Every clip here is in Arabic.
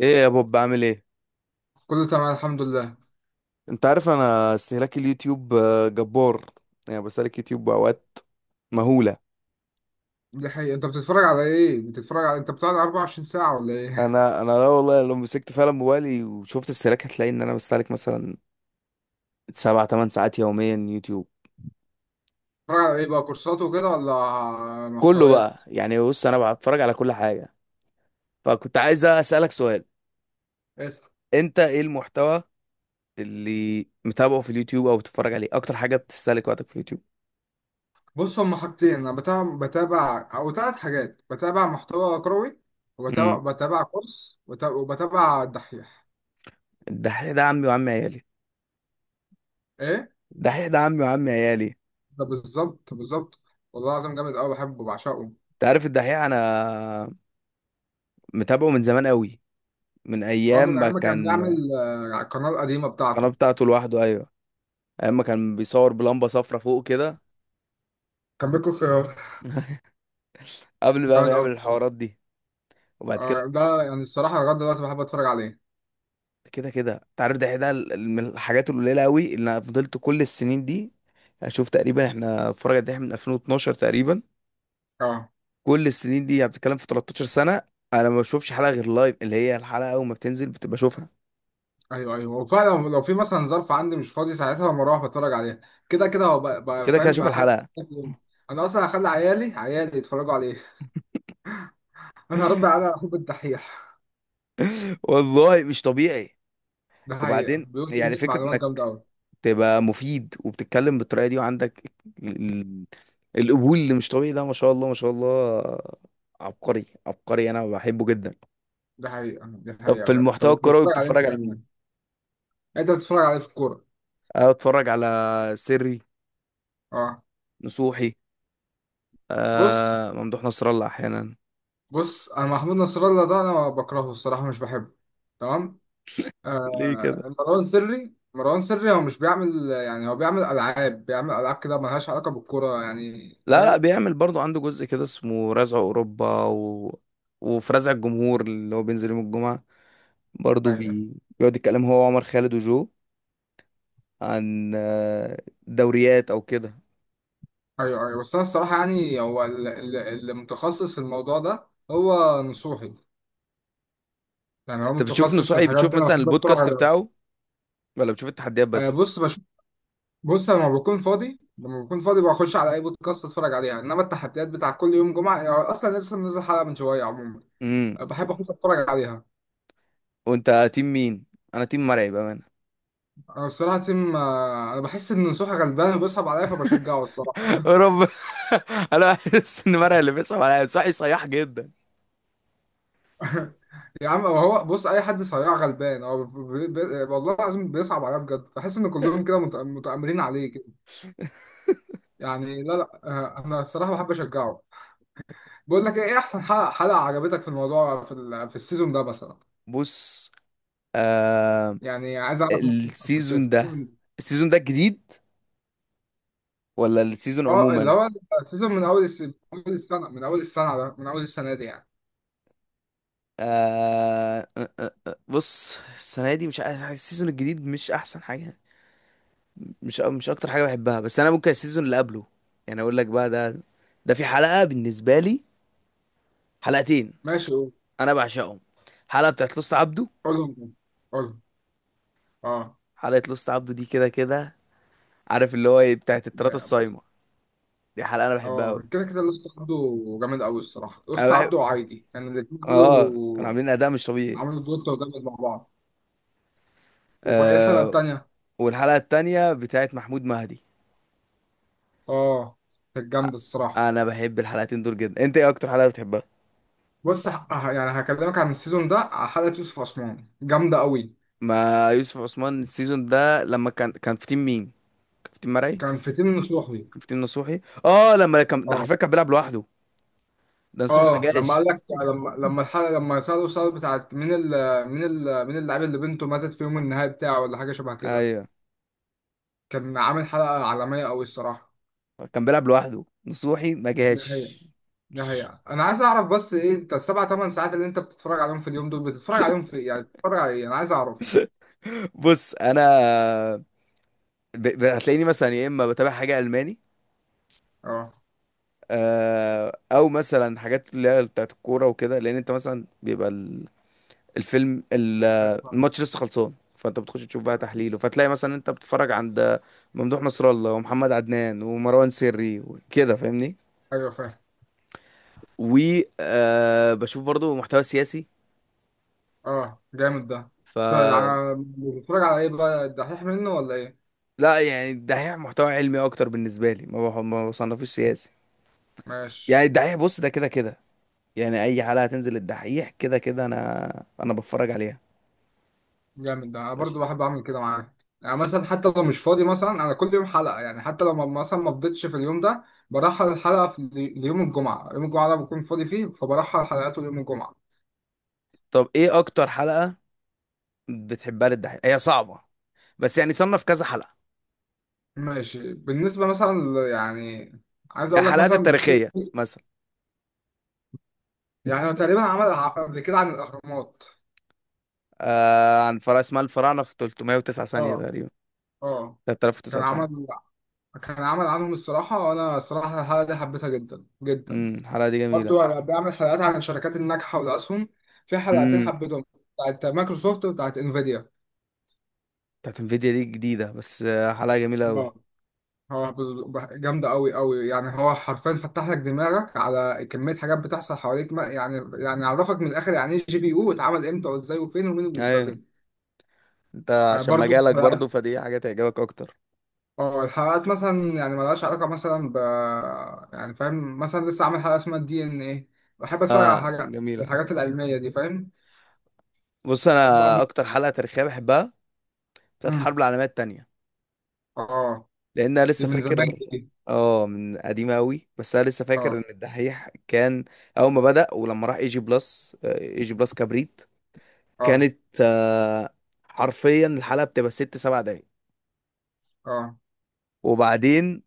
ايه يا بوب؟ بعمل ايه؟ كله تمام، الحمد لله. انت عارف انا استهلاك اليوتيوب جبار. يعني بستهلك يوتيوب باوقات مهوله. دي حقيقة، انت بتتفرج على ايه؟ بتتفرج على انت بتاع 24 ساعة ولا ايه؟ انا لا والله، لو مسكت فعلا موبايلي وشفت استهلاك هتلاقي ان انا بستهلك مثلا سبع تمن ساعات يوميا يوتيوب. بتتفرج على ايه بقى، كورسات وكده ولا كله محتويات؟ بقى، يعني بص، انا بتفرج على كل حاجه. فكنت عايز اسالك سؤال. اسأل. انت ايه المحتوى اللي متابعه في اليوتيوب او بتتفرج عليه اكتر حاجه بتستهلك وقتك في اليوتيوب؟ بص، هما حاجتين. انا بتابع او ثلاث حاجات، بتابع محتوى كروي، امم. وبتابع كورس، وبتابع الدحيح. الدحيح ده عمي وعمي عيالي. ايه. الدحيح ده عمي وعمي عيالي. ده بالظبط، بالظبط. والله العظيم جامد قوي، بحبه، بعشقه. انت عارف الدحيح انا متابعه من زمان قوي، من هو ايام من ما ايام ما كان كان. بيعمل على القناة القديمة القناه بتاعته. بتاعته لوحده، ايوه. ايام ما كان بيصور بلمبه صفرة فوق كده، كان بيكون خيار. قبل بقى ما جامد قوي يعمل الصراحة. الحوارات دي. وبعد كده، ده يعني الصراحة لغاية دلوقتي بحب اتفرج عليه. كده كده انت عارف ده من الحاجات القليله قوي اللي انا فضلت كل السنين دي اشوف. تقريبا احنا اتفرج على من 2012 تقريبا. اه. كل السنين دي، يعني بتتكلم في 13 سنه. انا ما بشوفش حلقه غير لايف، اللي هي الحلقه اول ما بتنزل بتبقى اشوفها. ايوه، ايوه، وفعلا لو في مثلا ظرف عندي مش فاضي ساعتها بروح بتفرج عليها. كده كده هو بقى كده كده فاهم اشوف بقى حاجه الحلقه. انا اصلا هخلي عيالي عيالي يتفرجوا عليه انا هرد على حب الدحيح. والله مش طبيعي. ده حقيقه، وبعدين بيقول يعني كميه فكرة معلومات جامده انك قوي. تبقى مفيد وبتتكلم بالطريقه دي وعندك ال- القبول اللي مش طبيعي ده، ما شاء الله ما شاء الله. عبقري عبقري، انا بحبه جدا. ده حقيقه ده طب حقيقه في بجد. طب المحتوى انت الكروي بتتفرج عليه انت بتتفرج على كمان؟ مين؟ انت بتتفرج عليه في الكوره؟ أنا بتفرج على سري اه. نصوحي. بص، آه، ممدوح نصر الله احيانا. بص، انا محمود نصر الله ده انا بكرهه الصراحه، مش بحبه. تمام. ليه كده؟ مروان سري مروان سري، هو مش بيعمل، يعني هو بيعمل العاب بيعمل العاب كده، ملهاش علاقه بالكوره، يعني لا لا، فاهم؟ بيعمل برضو عنده جزء كده اسمه رزع اوروبا وفي رزع الجمهور اللي هو بينزل يوم الجمعة، برضو ايوه، بيقعد يتكلم هو وعمر خالد وجو عن دوريات او كده. ايوه، ايوه، بس انا الصراحه، يعني هو اللي متخصص في الموضوع ده هو نصوحي. يعني هو انت بتشوف متخصص في نصوحي، الحاجات بتشوف دي، انا مثلا بحب اتفرج البودكاست عليه. بتاعه ولا بتشوف التحديات بس؟ بص، بص لما بكون فاضي بخش على اي بودكاست اتفرج عليها، انما التحديات بتاع كل يوم جمعه، يعني اصلا لسه منزل حلقه من شويه، عموما. بحب شوف. اخش اتفرج عليها. وانت تيم مين؟ انا تيم مرعي بامانه. انا الصراحه تيم، انا بحس ان نصوحي غلبان وبيصعب عليا فبشجعه الصراحه يا رب. انا بحس ان مرعي اللي بيصعب عليا، نصوحي صياح جدا. يا عم، هو بص، اي حد صياع غلبان، هو والله العظيم بيصعب عليا بجد، بحس ان كلهم كده متآمرين عليه كده. يعني، لا، لا، انا الصراحه بحب اشجعه. بقول لك ايه، إيه احسن حلقه عجبتك في الموضوع، في السيزون ده مثلا؟ بص آه. يعني عايز اعرف، ممكن كنت السيزون ده، السيزون. السيزون ده الجديد ولا السيزون اه، اللي عموما؟ هو السيزون من اول السنه دي يعني. آه آه، آه، آه، بص السنه دي مش عارف، السيزون الجديد مش احسن حاجه. مش اكتر حاجه بحبها، بس انا ممكن السيزون اللي قبله. يعني اقول لك بقى، ده ده في حلقه بالنسبه لي، حلقتين ماشي، قول. انا بعشقهم. حلقه بتاعت لوست عبده. قولهم، قولهم. اه. حلقه لوست عبده دي كده كده، عارف اللي هو ايه؟ بتاعت التلاته الصايمه. دي حلقه انا بحبها اه، قوي. كده كده الوسط عبده، جامد قوي الصراحه، انا الوسط بحب، عبده وعايدي كان الاثنين اه كانوا دول. عاملين اداء مش طبيعي. عملوا دوت وجابت مع بعض. واسأل آه، التانية. والحلقه التانية بتاعت محمود مهدي. اه، كانت جامدة الصراحة. انا بحب الحلقتين دول جدا. انت ايه اكتر حلقه بتحبها؟ بص، يعني هكلمك عن السيزون ده، على حلقة يوسف عثمان جامدة قوي. ما يوسف عثمان السيزون ده لما كان في تيم مين؟ كان في تيم مرعي. كان فتين نصوحي. كان في تيم نصوحي، اه. لما كان ده اه، حرفيا كان بيلعب لوحده، ده نصوحي ما اه، جاش. لما قال لك لما لما الحلقة لما سألوا السؤال بتاعت مين اللاعب اللي بنته ماتت في يوم النهاية بتاعه ولا حاجة شبه كده. ايوه، كان عامل حلقة عالمية قوي الصراحة. كان بيلعب لوحده، نصوحي ما ده هي جاش. ده هي انا عايز اعرف، بس ايه انت السبع ثمان ساعات اللي انت بتتفرج عليهم في اليوم دول، بتتفرج عليهم في إيه؟ يعني بتتفرج على ايه؟ انا عايز اعرف. بص انا هتلاقيني مثلا يا اما بتابع حاجه الماني، اه. او مثلا حاجات اللي هي بتاعت الكوره وكده، لان انت مثلا بيبقى الفيلم ال- أيوة. الماتش لسه خلصان، فانت بتخش تشوف بقى تحليله، فتلاقي مثلا انت بتتفرج عند ممدوح نصر الله ومحمد عدنان ومروان سري وكده فاهمني. ايوه، فاهم. و بشوف برضو محتوى سياسي. اه، جامد ده. ف، طيب، بتتفرج على ايه بقى، الدحيح منه ولا ايه؟ لا يعني الدحيح محتوى علمي اكتر بالنسبه لي، ما بصنفوش سياسي. ماشي. يعني الدحيح بص ده كده كده، يعني اي حلقة تنزل الدحيح كده كده انا بتفرج عليها. جامد ده، انا ماشي. برضو بحب اعمل كده معاك. يعني مثلا حتى لو مش فاضي، مثلا انا كل يوم حلقه، يعني حتى لو مثلا ما فضيتش في اليوم ده برحل الحلقه ليوم الجمعه، يوم الجمعه ده بكون فاضي فيه، فبرحل حلقاته ليوم الجمعه. طب ايه اكتر حلقة بتحبها للدحيح؟ هي صعبة، بس يعني صنف كذا حلقة. ماشي، بالنسبه مثلا يعني عايز يعني اقول لك الحلقات مثلا، التاريخية مثلا، يعني هو تقريبا عمل قبل كده عن الاهرامات. آه عن فرع اسمها الفراعنة في 309 ثانية اه. تقريبا، اه. كان 3009 ثانية. عمل كان عمل عنهم الصراحة، وأنا الصراحة الحلقة دي حبيتها جدا جدا. الحلقة دي جميلة. برضو أنا بعمل حلقات عن الشركات الناجحة والأسهم، في حلقتين امم حبيتهم، بتاعت مايكروسوفت وبتاعت انفيديا. بتاعت انفيديا دي جديدة، بس حلقة جميلة قوي، اه. هو جامدة أوي أوي، يعني هو حرفيا فتح لك دماغك على كمية حاجات بتحصل حواليك، ما يعني عرفك من الآخر، يعني إيه جي بي يو واتعمل إمتى وإزاي وفين ومين اللي ايوه. بيستخدمه. انت آه، عشان برضو. مجالك برضو، فدي حاجة تعجبك اكتر. اه، الحلقات مثلا يعني ملهاش علاقة مثلا يعني فاهم، مثلا لسه عامل حلقة اسمها الدي ان ايه، بحب اتفرج على اه حاجة، جميلة. الحاجات العلمية دي فاهم. بص انا بعض- اكتر حلقة تاريخية بحبها بتاعت مم. الحرب العالمية التانية، اه. لان انا دي لسه من زمان فاكر. دي. اه، من قديمه قوي، بس انا لسه فاكر ان اه، الدحيح كان اول ما بدأ ولما راح اي جي بلس، اي جي بلس كبريت. اه، كانت حرفيا الحلقه بتبقى ست سبع دقايق. اه، وبعدين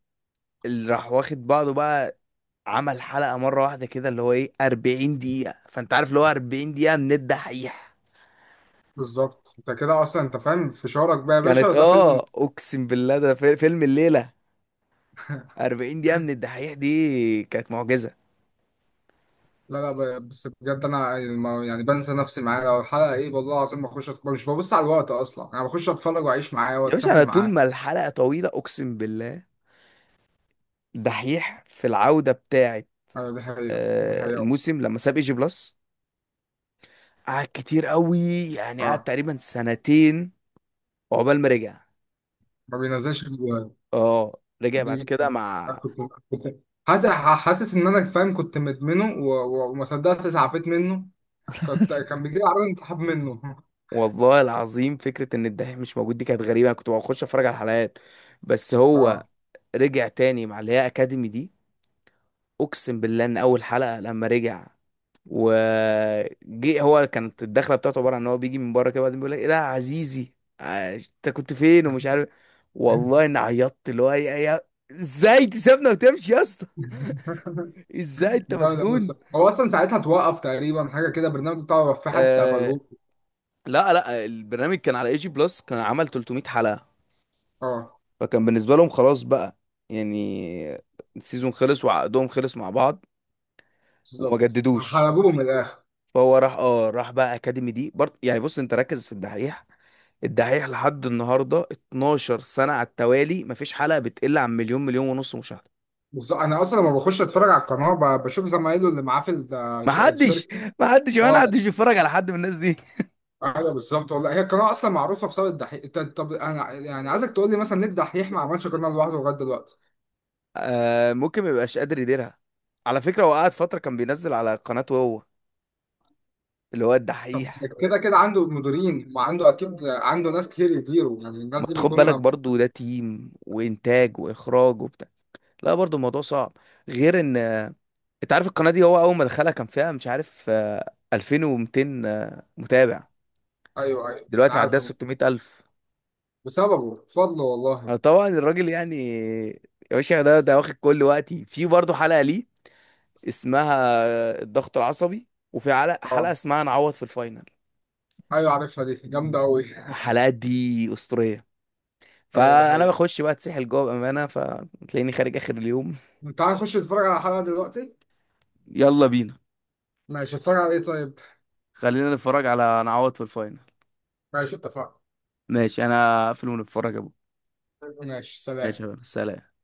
اللي راح واخد بعضه بقى، عمل حلقه مره واحده كده اللي هو ايه، 40 دقيقه. فانت عارف اللي هو 40 دقيقه من الدحيح؟ بالظبط انت كده اصلا انت فاهم في شعورك بقى، يا باشا كانت ده اه فيلم. اقسم بالله ده فيلم الليله. 40 دقيقه من الدحيح دي كانت معجزه. لا، لا، بس بجد انا يعني بنسى نفسي معاه، لو الحلقة ايه والله العظيم بخش اتفرج، مش ببص على الوقت اصلا، انا بخش اتفرج واعيش معاه يا باشا انا واتسحل طول معاه. ما الحلقه طويله، اقسم بالله. دحيح في العودة بتاعة ايوه، دي حقيقة دي حقيقة. الموسم، لما ساب ايجي بلس قعد كتير قوي، يعني قعد اه، تقريبا سنتين عقبال ما رجع. ما بينزلش. اه رجع بعد دي كده كنت مع. كنت حاسس ان انا فاهم، كنت مدمنه وما صدقت اتعافيت منه. كان بيجي لي عربيه انسحاب منه والله العظيم فكرة ان الدحيح مش موجود دي كانت غريبة، انا كنت بخش اتفرج على الحلقات بس. هو اه، رجع تاني مع اللي هي اكاديمي دي. اقسم بالله ان اول حلقة لما رجع وجي، هو كانت الدخله بتاعته عباره عن ان هو بيجي من بره كده، وبعدين بيقول لك ايه ده يا عزيزي، انت كنت فين ومش عارف. والله اني عيطت، اللي هو يا ازاي تسيبنا وتمشي يا اسطى، ازاي انت جامد أوي مجنون؟ الصراحة. هو اصلا ساعتها اتوقف تقريبا حاجه كده، البرنامج بتاعه وقف، في حد آه. قفلوه. لا لا، البرنامج كان على اي جي بلس، كان عمل 300 حلقه، اه. فكان بالنسبه لهم خلاص بقى، يعني السيزون خلص وعقدهم خلص مع بعض وما بالظبط. جددوش. حلبوه من الاخر. فهو راح، اه راح بقى اكاديمي دي برضه. يعني بص انت ركز في الدحيح، الدحيح لحد النهارده 12 سنه على التوالي، مفيش حلقه بتقل عن مليون مليون ونص مشاهده. بالظبط، انا اصلا لما بخش اتفرج على القناه بشوف زمايله اللي معاه في محدش، الشركه. محدش، وانا اه، محدش بيتفرج على حد من الناس دي. ايوه، بالظبط والله، هي القناه اصلا معروفه بسبب الدحيح. طب انا يعني عايزك تقول لي، مثلا ليه الدحيح ما عملش قناه لوحده لغايه دلوقتي؟ آه ممكن ما يبقاش قادر يديرها. على فكره هو قعد فتره كان بينزل على قناته هو، اللي هو طب، الدحيح. كده كده عنده مديرين، وعنده اكيد عنده ناس كتير يديروا، يعني الناس ما دي تاخد بيكونوا بالك ما... برضو ده تيم وانتاج واخراج وبتاع، لا برضو الموضوع صعب. غير ان انت عارف القناه دي هو اول ما دخلها كان فيها مش عارف 2200 متابع. ايوه، ايوه، أنا دلوقتي معديه عارف، أنا. 600,000. بسببه بفضله والله. أنا طبعا الراجل يعني، يا باشا ده واخد كل وقتي. في برضه حلقة ليه اسمها الضغط العصبي، وفي اه، حلقة اسمها نعوض في الفاينل. ايوه، عارفها دي جامده قوي. الحلقات دي أسطورية، ايوه، دي فأنا حقيقه. بخش بقى اتسحل جوه بأمانة، فتلاقيني خارج آخر اليوم. تعال نخش نتفرج على حلقه دلوقتي. يلا بينا. ماشي، اتفرج على ايه طيب؟ خلينا نتفرج على نعوض في الفاينل. ماشي، اتفقنا. ماشي. أنا هقفل ونتفرج يا أبو. ماشي، سلام. ماشي يا بابا. سلام.